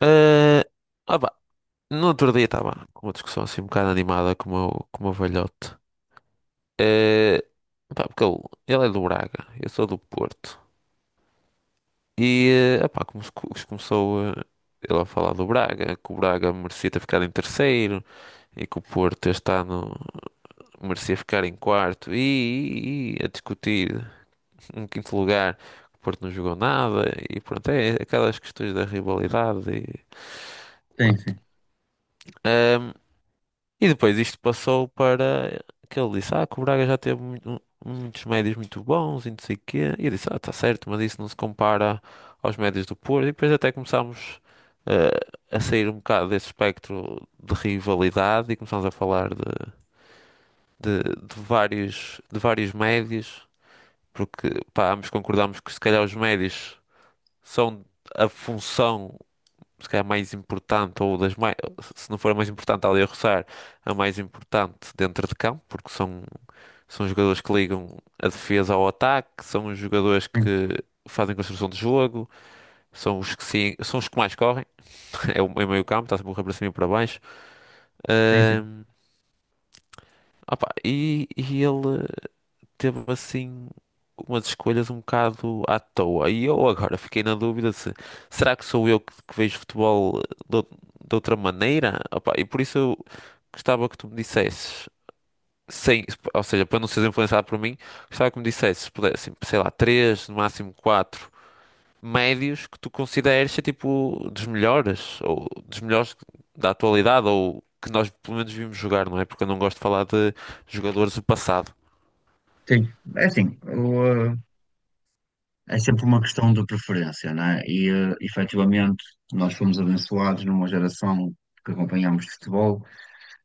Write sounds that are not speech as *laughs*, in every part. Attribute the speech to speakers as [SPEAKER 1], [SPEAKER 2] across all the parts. [SPEAKER 1] Ah, ah pá, no outro dia estava com uma discussão assim um bocado animada com o meu velhote. Eh, Porque ele é do Braga, eu sou do Porto. E como, se começou ele a falar do Braga, que o Braga merecia ter ficado em terceiro e que o Porto este ano merecia ficar em quarto. E, e a discutir um quinto lugar, o Porto não jogou nada. E pronto, é aquelas questões da rivalidade. E,
[SPEAKER 2] Tem,
[SPEAKER 1] pronto.
[SPEAKER 2] sim.
[SPEAKER 1] Ah, E depois isto passou para que ele disse, ah, que o Braga já teve muitos médios muito bons e não sei o quê. E eu disse, ah, tá certo, mas isso não se compara aos médios do Porto. E depois até começámos eh, a sair um bocado desse espectro de rivalidade e começámos a falar de vários médios, porque pá, ambos concordámos que se calhar os médios são a função se calhar mais importante, ou das mais, se não for a mais importante, ali a roçar, a mais importante dentro de campo, porque são, são jogadores que ligam a defesa ao ataque, são os jogadores
[SPEAKER 2] Tem,
[SPEAKER 1] que fazem construção de jogo, são os que, são os que mais correm, *laughs* é o meio campo, está sempre a correr para cima e para baixo.
[SPEAKER 2] tem, sim.
[SPEAKER 1] Ahm, e, e ele. Teve assim umas escolhas um bocado à toa. E eu agora fiquei na dúvida se será que sou eu que vejo futebol de, ou- de outra maneira? Opa, e por isso eu gostava que tu me dissesses, sem, ou seja, para não seres influenciado por mim, gostava que me dissesses, se pudesse, assim, sei lá, três, no máximo quatro médios que tu consideres ser tipo dos melhores, ou dos melhores da atualidade, ou que nós pelo menos vimos jogar, não é? Porque eu não gosto de falar de jogadores do passado.
[SPEAKER 2] Tem. É assim, é sempre uma questão de preferência, não é? E, efetivamente, nós fomos abençoados numa geração que acompanhámos futebol.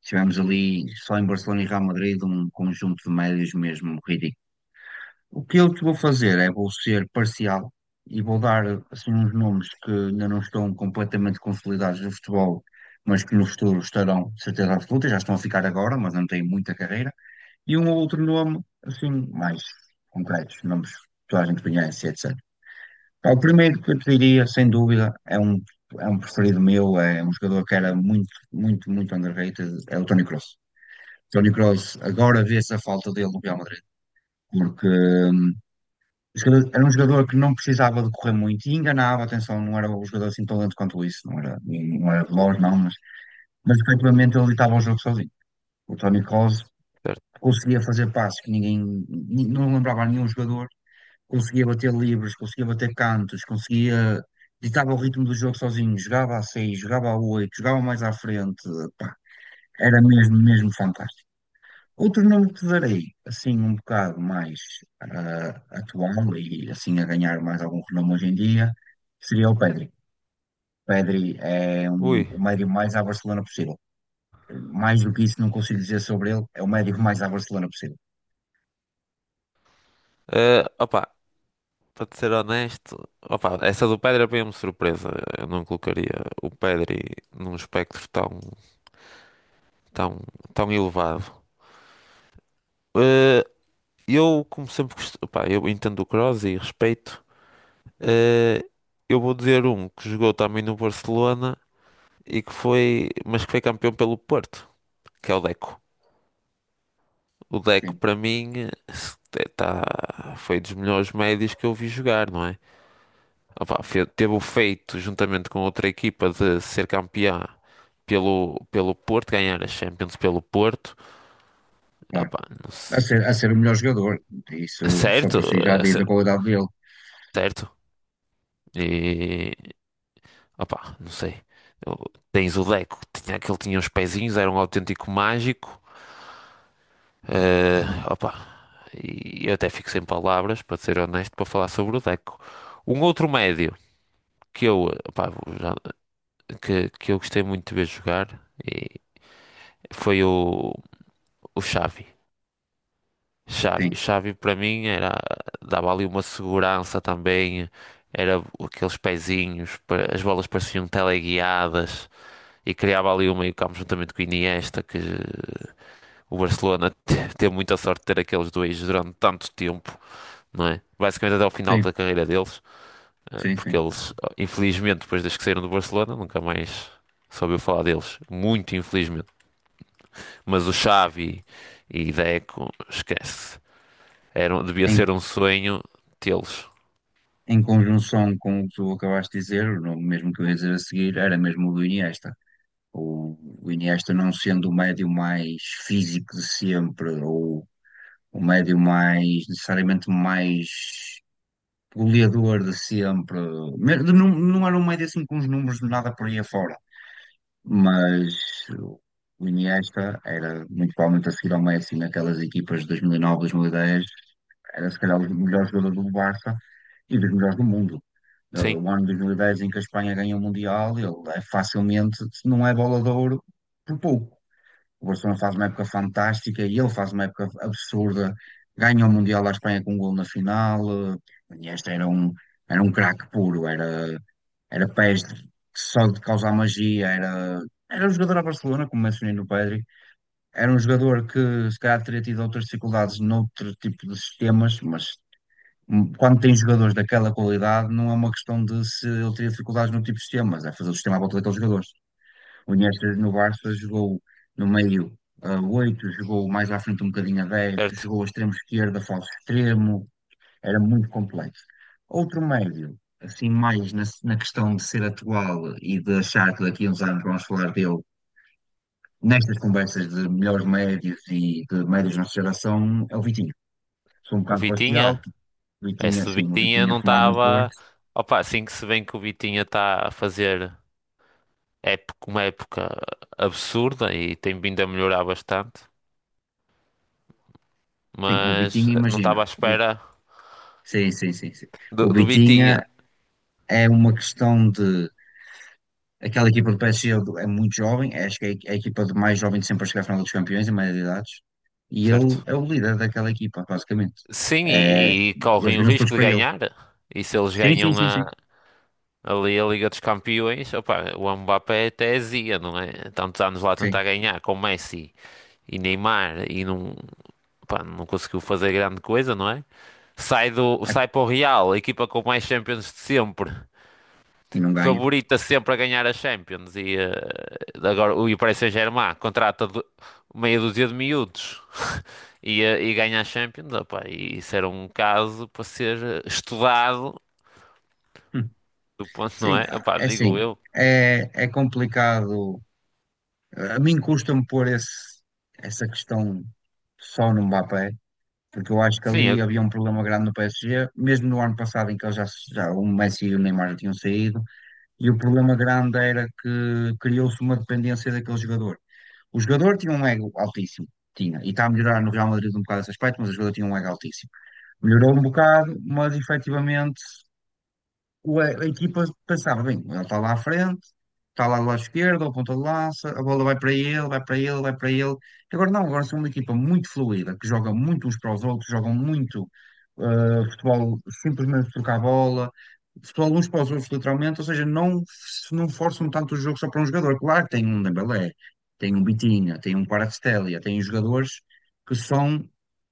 [SPEAKER 2] Tivemos ali, só em Barcelona e Real Madrid, um conjunto de médios mesmo ridículo. O que eu te vou fazer é, vou ser parcial e vou dar, assim, uns nomes que ainda não estão completamente consolidados no futebol, mas que no futuro estarão, de certeza absoluta, já estão a ficar agora, mas não têm muita carreira. E um ou outro nome, assim, mais concretos, nomes que toda a gente conhece, etc. Pá, o primeiro que eu te diria, sem dúvida, é um preferido meu, é um jogador que era muito, muito, muito underrated, é o Toni Kroos. Toni Kroos, agora vê-se a falta dele no Real Madrid, porque era um jogador que não precisava de correr muito e enganava, atenção, não era um jogador assim tão lento quanto isso, não era veloz, não, mas efetivamente ele estava ao jogo sozinho. O Toni Kroos
[SPEAKER 1] Certo?
[SPEAKER 2] conseguia fazer passos que ninguém, não lembrava nenhum jogador, conseguia bater livres, conseguia bater cantos, conseguia ditava o ritmo do jogo sozinho, jogava a seis, jogava a oito, jogava mais à frente, pá, era mesmo, mesmo fantástico. Outro nome que te darei, assim um bocado mais atual e assim a ganhar mais algum renome hoje em dia, seria o Pedri. Pedri
[SPEAKER 1] Ui.
[SPEAKER 2] o médio mais à Barcelona possível. Mais do que isso não consigo dizer sobre ele, é o médio mais à Barcelona possível.
[SPEAKER 1] Eh, opa, Para te ser honesto, opa, essa do Pedri apanhou-me surpresa. Eu não colocaria o Pedri num espectro tão, tão elevado. Eh, eu, como sempre, eu entendo o Kroos e respeito. Eh, eu vou dizer um que jogou também no Barcelona e que foi, mas que foi campeão pelo Porto, que é o Deco. O Deco,
[SPEAKER 2] Sim,
[SPEAKER 1] para mim, tá, foi dos melhores médios que eu vi jogar, não é? Opa, teve o feito, juntamente com outra equipa, de ser campeã pelo Porto, ganhar a Champions pelo Porto.
[SPEAKER 2] claro.
[SPEAKER 1] Opa, não
[SPEAKER 2] A
[SPEAKER 1] se-
[SPEAKER 2] ser, a ser o melhor jogador, isso só
[SPEAKER 1] Certo,
[SPEAKER 2] por si já
[SPEAKER 1] eh,
[SPEAKER 2] diz
[SPEAKER 1] se-
[SPEAKER 2] a qualidade dele.
[SPEAKER 1] certo. E, opa, não sei. Eu- Tens o Deco, que ele tinha uns pezinhos, era um autêntico mágico. Eh, opa, e eu até fico sem palavras, para ser honesto, para falar sobre o Deco. Um outro médio que eu, já- que, eu gostei muito de ver jogar e foi o Xavi. Xavi,
[SPEAKER 2] Sim,
[SPEAKER 1] Xavi para mim era, dava ali uma segurança também, era aqueles pezinhos, as bolas pareciam teleguiadas e criava ali um meio-campo juntamente com o Iniesta, que o Barcelona *laughs* teve muita sorte de ter aqueles dois durante tanto tempo, não é? Basicamente até ao final
[SPEAKER 2] sim,
[SPEAKER 1] da carreira deles,
[SPEAKER 2] sim,
[SPEAKER 1] porque
[SPEAKER 2] sim.
[SPEAKER 1] eles, oh, infelizmente, depois desde que saíram do Barcelona, nunca mais soube falar deles, muito infelizmente. Mas o Xavi e Deco, esquece. Era, devia
[SPEAKER 2] Em,
[SPEAKER 1] ser um sonho tê-los.
[SPEAKER 2] em conjunção com o que tu acabaste de dizer, o nome mesmo que eu ia dizer a seguir era mesmo o do Iniesta. O Iniesta não sendo o médio mais físico de sempre, ou o médio mais, necessariamente mais goleador de sempre. Não, não era um médio assim com os números de nada por aí afora, mas o Iniesta era muito provavelmente a seguir ao Messi naquelas equipas de 2009, 2010. Era se calhar o melhor jogador do Barça e dos melhores do mundo.
[SPEAKER 1] Sim,
[SPEAKER 2] O ano de 2010 em que a Espanha ganha o Mundial, ele é facilmente, se não é bola de ouro, por pouco. O Barcelona faz uma época fantástica e ele faz uma época absurda. Ganha o Mundial da Espanha com um gol na final. O Iniesta era um craque puro, era peste, só de causar magia, era um jogador a Barcelona, como mencionei no Pedri. Era um jogador que se calhar teria tido outras dificuldades noutro tipo de sistemas, mas quando tem jogadores daquela qualidade, não é uma questão de se ele teria dificuldades no tipo de sistema, mas é fazer o sistema à volta daqueles jogadores. O Iniesta no Barça jogou no meio a 8, jogou mais à frente um bocadinho a 10,
[SPEAKER 1] certo.
[SPEAKER 2] jogou a extremo esquerda, falso extremo, era muito complexo. Outro médio, assim, mais na, na questão de ser atual e de achar que daqui a uns anos vamos falar dele nestas conversas de melhores médios e de médios da nossa geração, é o Vitinho. Sou um
[SPEAKER 1] O
[SPEAKER 2] bocado parcial,
[SPEAKER 1] Vitinha?
[SPEAKER 2] porque o
[SPEAKER 1] É,
[SPEAKER 2] Vitinho,
[SPEAKER 1] se o
[SPEAKER 2] assim, o
[SPEAKER 1] Vitinha
[SPEAKER 2] Vitinho é
[SPEAKER 1] não
[SPEAKER 2] formado no Porto.
[SPEAKER 1] estava. Opa, assim que se vê que o Vitinha está a fazer época, uma época absurda e tem vindo a melhorar bastante,
[SPEAKER 2] Sim, o
[SPEAKER 1] mas
[SPEAKER 2] Vitinha,
[SPEAKER 1] não
[SPEAKER 2] imagina.
[SPEAKER 1] estava à espera
[SPEAKER 2] Sim, sim, sim, sim.
[SPEAKER 1] do,
[SPEAKER 2] O
[SPEAKER 1] do Vitinha,
[SPEAKER 2] Vitinha é uma questão de. Aquela equipa do PSG é muito jovem, é, acho que é a equipa de mais jovem de sempre a chegar à final dos campeões, em maioria de idades. E ele
[SPEAKER 1] certo?
[SPEAKER 2] é o líder daquela equipa, basicamente.
[SPEAKER 1] Sim,
[SPEAKER 2] É,
[SPEAKER 1] e
[SPEAKER 2] eles
[SPEAKER 1] correm o
[SPEAKER 2] viram-se todos
[SPEAKER 1] risco de
[SPEAKER 2] para ele.
[SPEAKER 1] ganhar. E se eles
[SPEAKER 2] Sim, sim,
[SPEAKER 1] ganham
[SPEAKER 2] sim, sim.
[SPEAKER 1] a, Ali a Liga dos Campeões, opa, o Mbappé até azia, não é? Tantos anos lá a
[SPEAKER 2] Sim.
[SPEAKER 1] tentar ganhar com Messi e Neymar e não. Pá, não conseguiu fazer grande coisa, não é? Sai
[SPEAKER 2] É,
[SPEAKER 1] sai para o Real, a equipa com mais Champions de sempre,
[SPEAKER 2] e não ganha.
[SPEAKER 1] favorita sempre a ganhar a Champions e agora o Paris Saint-Germain meia dúzia de miúdos *laughs* e, e ganha a Champions, opá, e isso era um caso para ser estudado,
[SPEAKER 2] Hum.
[SPEAKER 1] do ponto, não
[SPEAKER 2] Sim,
[SPEAKER 1] é?
[SPEAKER 2] ah,
[SPEAKER 1] Opá,
[SPEAKER 2] é
[SPEAKER 1] digo
[SPEAKER 2] assim.
[SPEAKER 1] eu.
[SPEAKER 2] É, é complicado. A mim custa-me pôr essa questão só no Mbappé, porque eu acho que
[SPEAKER 1] Sim, eu,
[SPEAKER 2] ali havia um problema grande no PSG, mesmo no ano passado em que eles já o Messi e o Neymar já tinham saído, e o problema grande era que criou-se uma dependência daquele jogador. O jogador tinha um ego altíssimo, tinha, e está a melhorar no Real Madrid um bocado esse aspecto, mas o jogador tinha um ego altíssimo. Melhorou um bocado, mas efetivamente a equipa pensava, bem, ele está lá à frente, está lá do lado esquerdo, ao ponta de lança, a bola vai para ele, vai para ele, vai para ele. Agora não, agora são uma equipa muito fluida, que joga muito uns para os outros, jogam muito futebol, simplesmente trocar a bola, futebol uns para os outros, literalmente, ou seja, não, não forçam tanto o jogo só para um jogador. Claro que tem um Dembélé, tem um Bitinha, tem um Kvaratskhelia, tem jogadores que são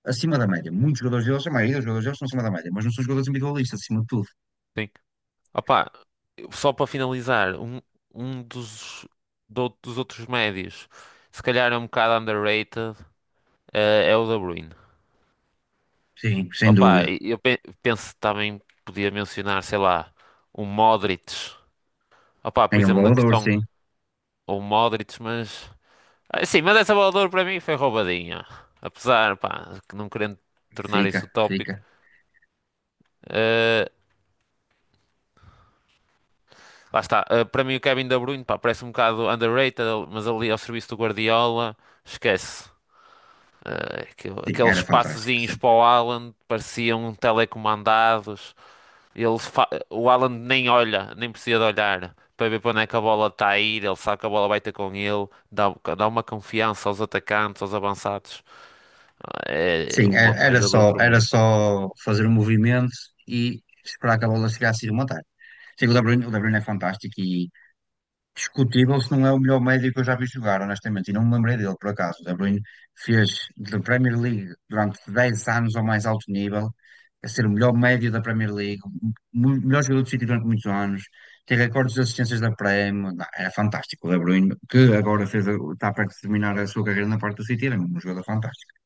[SPEAKER 2] acima da média. Muitos jogadores deles, a maioria dos jogadores deles são acima da média, mas não são jogadores individualistas, acima de tudo.
[SPEAKER 1] sim. Opá, só para finalizar, um, um dos, dos outros médios, se calhar é um bocado underrated. É o De Bruyne.
[SPEAKER 2] Sim, sem
[SPEAKER 1] Opa,
[SPEAKER 2] dúvida.
[SPEAKER 1] penso também podia mencionar, sei lá, o Modric. Opa, por
[SPEAKER 2] Em um
[SPEAKER 1] exemplo, na
[SPEAKER 2] Waldorf,
[SPEAKER 1] questão,
[SPEAKER 2] sim.
[SPEAKER 1] o Modric, mas. Ah, sim, mas essa bola de ouro para mim foi roubadinha. Apesar, pá, que não querendo tornar isso
[SPEAKER 2] Fica,
[SPEAKER 1] utópico.
[SPEAKER 2] fica.
[SPEAKER 1] eh, Lá está, para mim o Kevin De Bruyne, pá, parece um bocado underrated, mas ali ao serviço do Guardiola, esquece. Aquele-
[SPEAKER 2] Sim, era
[SPEAKER 1] aqueles
[SPEAKER 2] fantástico,
[SPEAKER 1] passezinhos
[SPEAKER 2] sim.
[SPEAKER 1] para o Haaland pareciam telecomandados. O Alan nem olha, nem precisa de olhar para ver para onde é que a bola está a ir. Ele sabe que a bola vai ter com ele, dá, dá uma confiança aos atacantes, aos avançados. É
[SPEAKER 2] Sim, era,
[SPEAKER 1] uma coisa do outro
[SPEAKER 2] era
[SPEAKER 1] mundo.
[SPEAKER 2] só fazer o movimento e esperar que a bola chegasse e rematar. Sim, o De Bruyne é fantástico e, discutível se não é o melhor médio que eu já vi jogar, honestamente, e não me lembrei dele, por acaso. O De Bruyne fez da Premier League durante 10 anos ao mais alto nível, a ser o melhor médio da Premier League, o melhor jogador do City durante muitos anos, tem recordes de assistências da Prem, não, era fantástico. O De Bruyne, que agora fez, está perto de terminar a sua carreira na parte do City, era um jogador fantástico.